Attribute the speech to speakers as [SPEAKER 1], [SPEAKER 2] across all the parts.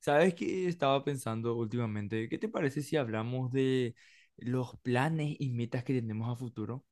[SPEAKER 1] ¿Sabes qué estaba pensando últimamente? ¿Qué te parece si hablamos de los planes y metas que tenemos a futuro?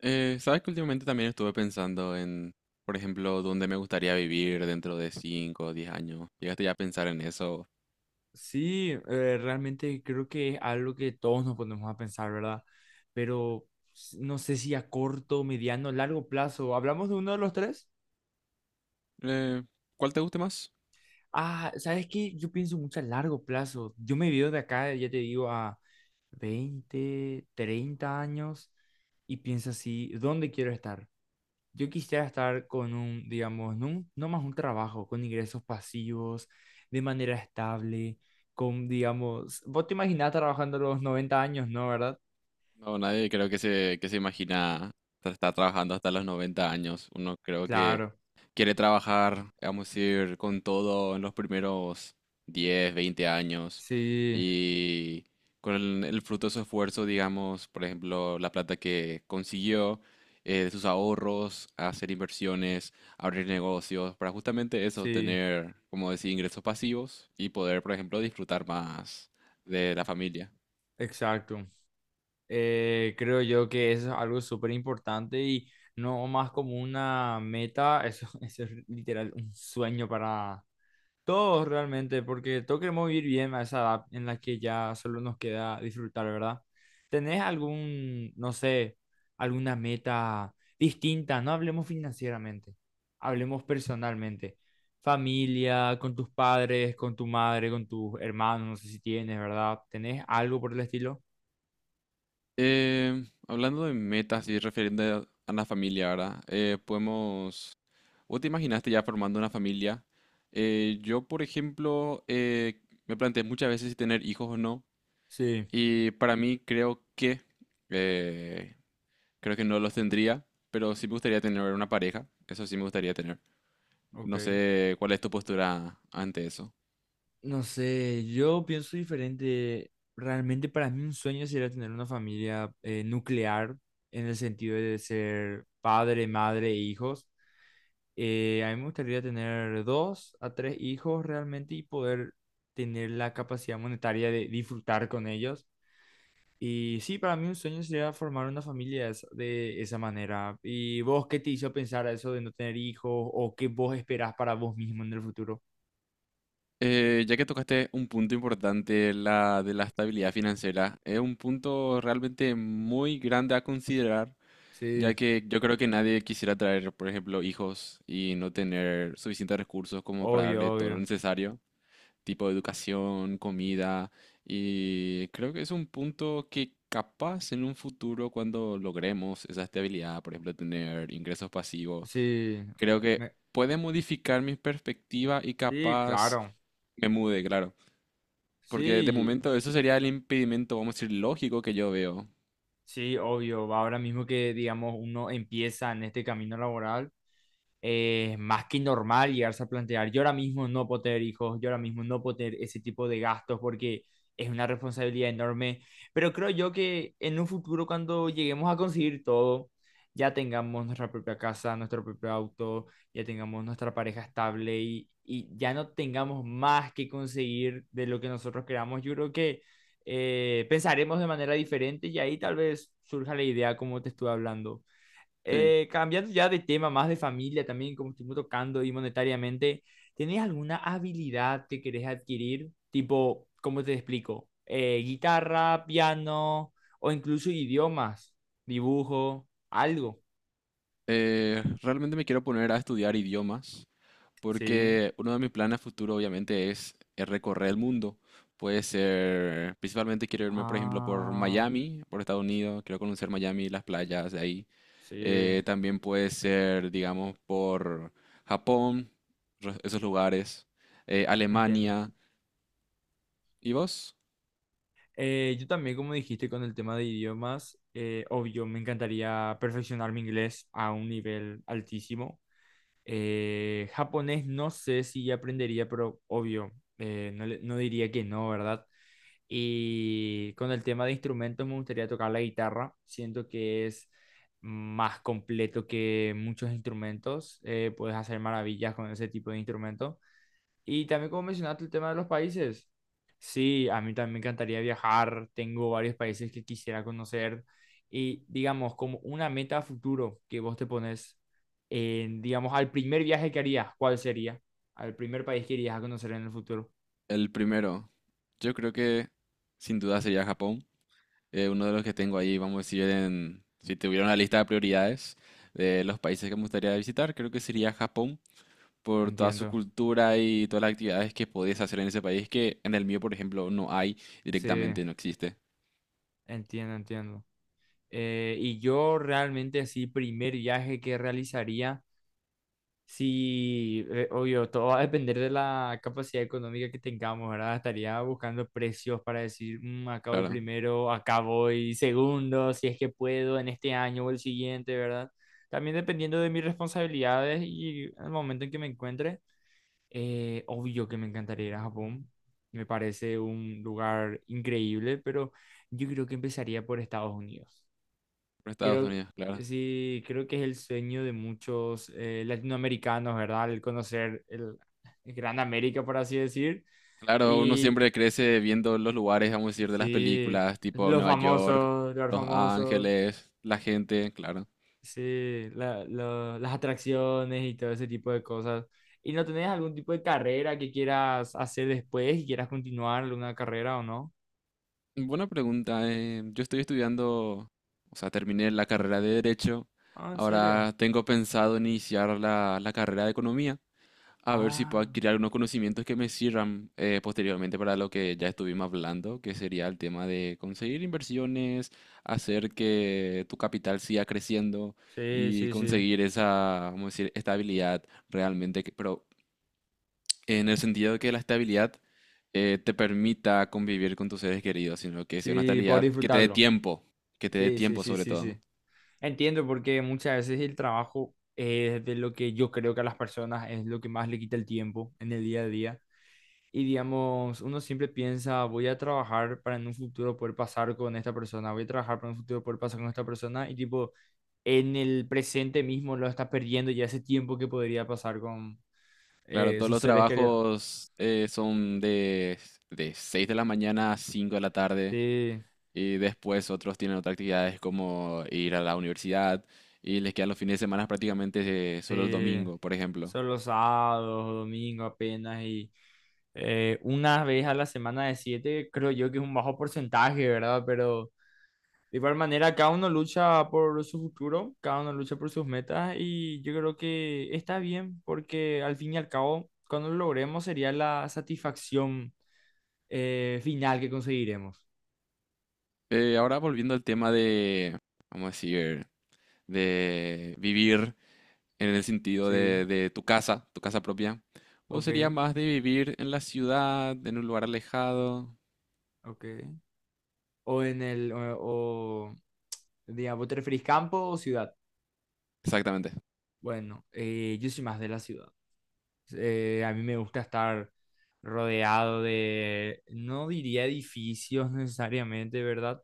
[SPEAKER 2] Sabes que últimamente también estuve pensando en, por ejemplo, dónde me gustaría vivir dentro de 5 o 10 años. ¿Llegaste ya a pensar en eso?
[SPEAKER 1] Sí, realmente creo que es algo que todos nos ponemos a pensar, ¿verdad? Pero no sé si a corto, mediano, largo plazo. ¿Hablamos de uno de los tres?
[SPEAKER 2] Eh, ¿Cuál te guste más?
[SPEAKER 1] Ah, ¿sabes qué? Yo pienso mucho a largo plazo. Yo me veo de acá, ya te digo, a 20, 30 años y pienso así, ¿dónde quiero estar? Yo quisiera estar con un, digamos, no, no más un trabajo, con ingresos pasivos, de manera estable, con, digamos, vos te imaginás trabajando a los 90 años, ¿no? ¿Verdad?
[SPEAKER 2] No, nadie creo que que se imagina estar trabajando hasta los 90 años. Uno creo que
[SPEAKER 1] Claro,
[SPEAKER 2] quiere trabajar, vamos a decir, con todo en los primeros 10 20 años
[SPEAKER 1] sí,
[SPEAKER 2] y con el fruto de su esfuerzo, digamos, por ejemplo, la plata que consiguió, de sus ahorros, hacer inversiones, abrir negocios, para justamente eso,
[SPEAKER 1] sí,
[SPEAKER 2] tener, como decir, ingresos pasivos y poder, por ejemplo, disfrutar más de la familia.
[SPEAKER 1] exacto. Creo yo que eso es algo súper importante y no más como una meta, eso, eso es literal un sueño para, todos realmente, porque todos queremos vivir bien a esa edad en la que ya solo nos queda disfrutar, ¿verdad? ¿Tenés algún, no sé, alguna meta distinta? No hablemos financieramente, hablemos personalmente. Familia, con tus padres, con tu madre, con tus hermanos, no sé si tienes, ¿verdad? ¿Tenés algo por el estilo?
[SPEAKER 2] Hablando de metas y refiriendo a la familia ahora, podemos ¿vos te imaginaste ya formando una familia? Yo, por ejemplo, me planteé muchas veces si tener hijos o no.
[SPEAKER 1] Sí,
[SPEAKER 2] Y para mí eh, creo que no los tendría, pero sí me gustaría tener una pareja. Eso sí me gustaría tener.
[SPEAKER 1] ok.
[SPEAKER 2] No sé cuál es tu postura ante eso.
[SPEAKER 1] No sé, yo pienso diferente. Realmente para mí un sueño sería tener una familia nuclear en el sentido de ser padre, madre e hijos. A mí me gustaría tener 2 a 3 hijos realmente y poder tener la capacidad monetaria de disfrutar con ellos. Y sí, para mí un sueño sería formar una familia de esa manera. ¿Y vos qué te hizo pensar a eso de no tener hijos o qué vos esperás para vos mismo en el futuro?
[SPEAKER 2] Ya que tocaste un punto importante, la de la estabilidad financiera, es un punto realmente muy grande a considerar.
[SPEAKER 1] Sí,
[SPEAKER 2] Ya que yo creo que nadie quisiera traer, por ejemplo, hijos y no tener suficientes recursos como para
[SPEAKER 1] obvio,
[SPEAKER 2] darle todo lo
[SPEAKER 1] obvio.
[SPEAKER 2] necesario, tipo educación, comida, y creo que es un punto que capaz en un futuro cuando logremos esa estabilidad, por ejemplo, tener ingresos pasivos,
[SPEAKER 1] Sí,
[SPEAKER 2] creo que
[SPEAKER 1] me-
[SPEAKER 2] puede modificar mi perspectiva y
[SPEAKER 1] sí,
[SPEAKER 2] capaz
[SPEAKER 1] claro.
[SPEAKER 2] me mude, claro, porque de
[SPEAKER 1] Sí,
[SPEAKER 2] momento eso sería el impedimento, vamos a decir, lógico que yo veo.
[SPEAKER 1] sí, obvio. Ahora mismo que, digamos, uno empieza en este camino laboral, es más que normal llegarse a plantear, yo ahora mismo no puedo tener hijos, yo ahora mismo no puedo tener ese tipo de gastos porque es una responsabilidad enorme, pero creo yo que en un futuro cuando lleguemos a conseguir todo, ya tengamos nuestra propia casa, nuestro propio auto, ya tengamos nuestra pareja estable y ya no tengamos más que conseguir de lo que nosotros queramos, yo creo que pensaremos de manera diferente y ahí tal vez surja la idea como te estuve hablando.
[SPEAKER 2] Sí.
[SPEAKER 1] Cambiando ya de tema, más de familia también, como estuvimos tocando y monetariamente, ¿tenés alguna habilidad que querés adquirir? Tipo, ¿cómo te explico? Guitarra, piano o incluso idiomas, dibujo, algo.
[SPEAKER 2] Realmente me quiero poner a estudiar idiomas,
[SPEAKER 1] Sí,
[SPEAKER 2] porque uno de mis planes a futuro obviamente es recorrer el mundo. Puede ser, principalmente quiero irme, por ejemplo, por
[SPEAKER 1] ah,
[SPEAKER 2] Miami, por Estados Unidos, quiero conocer Miami, las playas de ahí.
[SPEAKER 1] sí,
[SPEAKER 2] También puede ser, digamos, por Japón, esos lugares,
[SPEAKER 1] entiendo.
[SPEAKER 2] Alemania. ¿Y vos?
[SPEAKER 1] Yo también, como dijiste con el tema de idiomas, obvio, me encantaría perfeccionar mi inglés a un nivel altísimo. Japonés no sé si ya aprendería, pero obvio, no, no diría que no, ¿verdad? Y con el tema de instrumentos me gustaría tocar la guitarra. Siento que es más completo que muchos instrumentos. Puedes hacer maravillas con ese tipo de instrumento. Y también como mencionaste el tema de los países, sí, a mí también me encantaría viajar, tengo varios países que quisiera conocer y digamos como una meta a futuro que vos te pones, en, digamos al primer viaje que harías, ¿cuál sería? Al primer país que irías a conocer en el futuro.
[SPEAKER 2] El primero. Yo creo que sin duda sería Japón. Uno de los que tengo ahí, vamos a decir, en, si tuviera una lista de prioridades de los países que me gustaría visitar, creo que sería Japón, por toda su
[SPEAKER 1] Entiendo,
[SPEAKER 2] cultura y todas las actividades que podías hacer en ese país que en el mío, por ejemplo, no hay
[SPEAKER 1] sí,
[SPEAKER 2] directamente, no existe.
[SPEAKER 1] entiendo, entiendo. Y yo realmente así, primer viaje que realizaría sí, obvio, todo va a depender de la capacidad económica que tengamos, ¿verdad? Estaría buscando precios para decir, "Mm, acá voy
[SPEAKER 2] Claro,
[SPEAKER 1] primero, acá voy segundo, si es que puedo en este año o el siguiente, ¿verdad? También dependiendo de mis responsabilidades y el momento en que me encuentre, obvio que me encantaría ir a Japón. Me parece un lugar increíble, pero yo creo que empezaría por Estados Unidos.
[SPEAKER 2] por Estados
[SPEAKER 1] Creo,
[SPEAKER 2] Unidos, claro.
[SPEAKER 1] sí, creo que es el sueño de muchos latinoamericanos, ¿verdad? El conocer el Gran América, por así decir.
[SPEAKER 2] Claro, uno
[SPEAKER 1] Y
[SPEAKER 2] siempre crece viendo los lugares, vamos a decir, de las
[SPEAKER 1] sí,
[SPEAKER 2] películas, tipo Nueva York,
[SPEAKER 1] los
[SPEAKER 2] Los
[SPEAKER 1] famosos,
[SPEAKER 2] Ángeles, la gente, claro.
[SPEAKER 1] sí, las atracciones y todo ese tipo de cosas. ¿Y no tenés algún tipo de carrera que quieras hacer después y quieras continuar una carrera o no?
[SPEAKER 2] Buena pregunta. Yo estoy estudiando, o sea, terminé la carrera de Derecho.
[SPEAKER 1] Ah, ¿en serio?
[SPEAKER 2] Ahora tengo pensado iniciar la carrera de Economía, a ver si puedo
[SPEAKER 1] Ah,
[SPEAKER 2] adquirir algunos conocimientos que me sirvan posteriormente para lo que ya estuvimos hablando, que sería el tema de conseguir inversiones, hacer que tu capital siga creciendo
[SPEAKER 1] sí,
[SPEAKER 2] y
[SPEAKER 1] sí, sí.
[SPEAKER 2] conseguir esa, vamos a decir, estabilidad realmente, pero en el sentido de que la estabilidad te permita convivir con tus seres queridos, sino que sea una
[SPEAKER 1] Sí, por
[SPEAKER 2] estabilidad que te dé
[SPEAKER 1] disfrutarlo.
[SPEAKER 2] tiempo, que te dé
[SPEAKER 1] Sí, sí,
[SPEAKER 2] tiempo
[SPEAKER 1] sí,
[SPEAKER 2] sobre
[SPEAKER 1] sí, sí.
[SPEAKER 2] todo.
[SPEAKER 1] Entiendo porque muchas veces el trabajo es de lo que yo creo que a las personas es lo que más le quita el tiempo en el día a día. Y digamos, uno siempre piensa, voy a trabajar para en un futuro poder pasar con esta persona, voy a trabajar para en un futuro poder pasar con esta persona y tipo, en el presente mismo lo está perdiendo ya ese tiempo que podría pasar con
[SPEAKER 2] Claro, todos
[SPEAKER 1] sus
[SPEAKER 2] los
[SPEAKER 1] seres queridos.
[SPEAKER 2] trabajos son de 6 de la mañana a 5 de la tarde.
[SPEAKER 1] Sí,
[SPEAKER 2] Y después otros tienen otras actividades como ir a la universidad y les quedan los fines de semana prácticamente solo el
[SPEAKER 1] sí,
[SPEAKER 2] domingo, por ejemplo.
[SPEAKER 1] son los sábados, domingos apenas y una vez a la semana de 7, creo yo que es un bajo porcentaje, ¿verdad? Pero de igual manera, cada uno lucha por su futuro, cada uno lucha por sus metas y yo creo que está bien porque al fin y al cabo, cuando lo logremos sería la satisfacción final que conseguiremos.
[SPEAKER 2] Ahora volviendo al tema de, vamos a decir, de vivir en el sentido
[SPEAKER 1] Sí,
[SPEAKER 2] de tu casa propia. ¿O sería
[SPEAKER 1] ok,
[SPEAKER 2] más de vivir en la ciudad, en un lugar alejado?
[SPEAKER 1] ok. O en el, o, digamos, ¿te referís campo o ciudad?
[SPEAKER 2] Exactamente.
[SPEAKER 1] Bueno, yo soy más de la ciudad. A mí me gusta estar rodeado de, no diría edificios necesariamente, ¿verdad?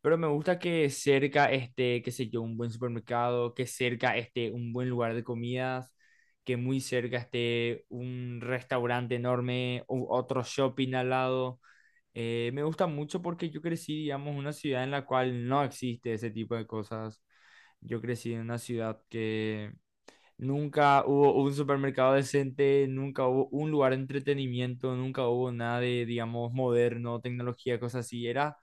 [SPEAKER 1] Pero me gusta que cerca esté, qué sé yo, un buen supermercado, que cerca esté un buen lugar de comidas, que muy cerca esté un restaurante enorme, otro shopping al lado. Me gusta mucho porque yo crecí, digamos, en una ciudad en la cual no existe ese tipo de cosas. Yo crecí en una ciudad que nunca hubo un supermercado decente, nunca hubo un lugar de entretenimiento, nunca hubo nada de, digamos, moderno, tecnología, cosas así. Era,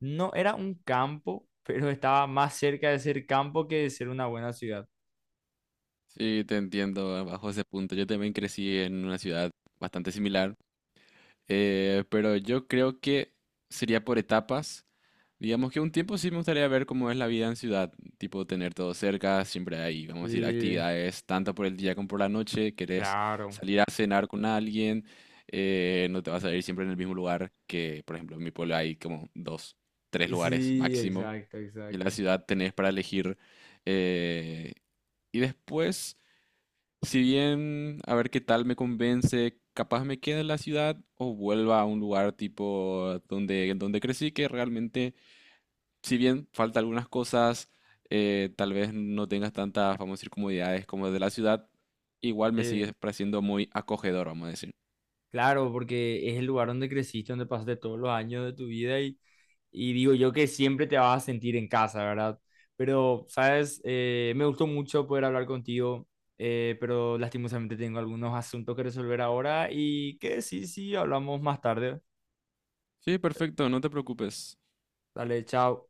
[SPEAKER 1] no, era un campo, pero estaba más cerca de ser campo que de ser una buena ciudad.
[SPEAKER 2] Sí, te entiendo bajo ese punto. Yo también crecí en una ciudad bastante similar. Pero yo creo que sería por etapas. Digamos que un tiempo sí me gustaría ver cómo es la vida en ciudad, tipo tener todo cerca, siempre hay, vamos a decir,
[SPEAKER 1] Y,
[SPEAKER 2] actividades tanto por el día como por la noche, querés
[SPEAKER 1] claro.
[SPEAKER 2] salir a cenar con alguien, no te vas a ir siempre en el mismo lugar, que por ejemplo en mi pueblo hay como dos, tres lugares
[SPEAKER 1] Sí,
[SPEAKER 2] máximo,
[SPEAKER 1] exacto,
[SPEAKER 2] y en la
[SPEAKER 1] exacto.
[SPEAKER 2] ciudad tenés para elegir. eh, y después, si bien, a ver qué tal me convence, capaz me quede en la ciudad o vuelva a un lugar tipo donde, crecí, que realmente, si bien falta algunas cosas, tal vez no tengas tantas, vamos a decir, comodidades como de la ciudad, igual me sigue
[SPEAKER 1] Sí.
[SPEAKER 2] pareciendo muy acogedor, vamos a decir.
[SPEAKER 1] Claro, porque es el lugar donde creciste, donde pasaste todos los años de tu vida y digo yo que siempre te vas a sentir en casa, ¿verdad? Pero, sabes, me gustó mucho poder hablar contigo, pero lastimosamente tengo algunos asuntos que resolver ahora y que sí, sí, hablamos más tarde.
[SPEAKER 2] Sí, perfecto, no te preocupes.
[SPEAKER 1] Dale, chao.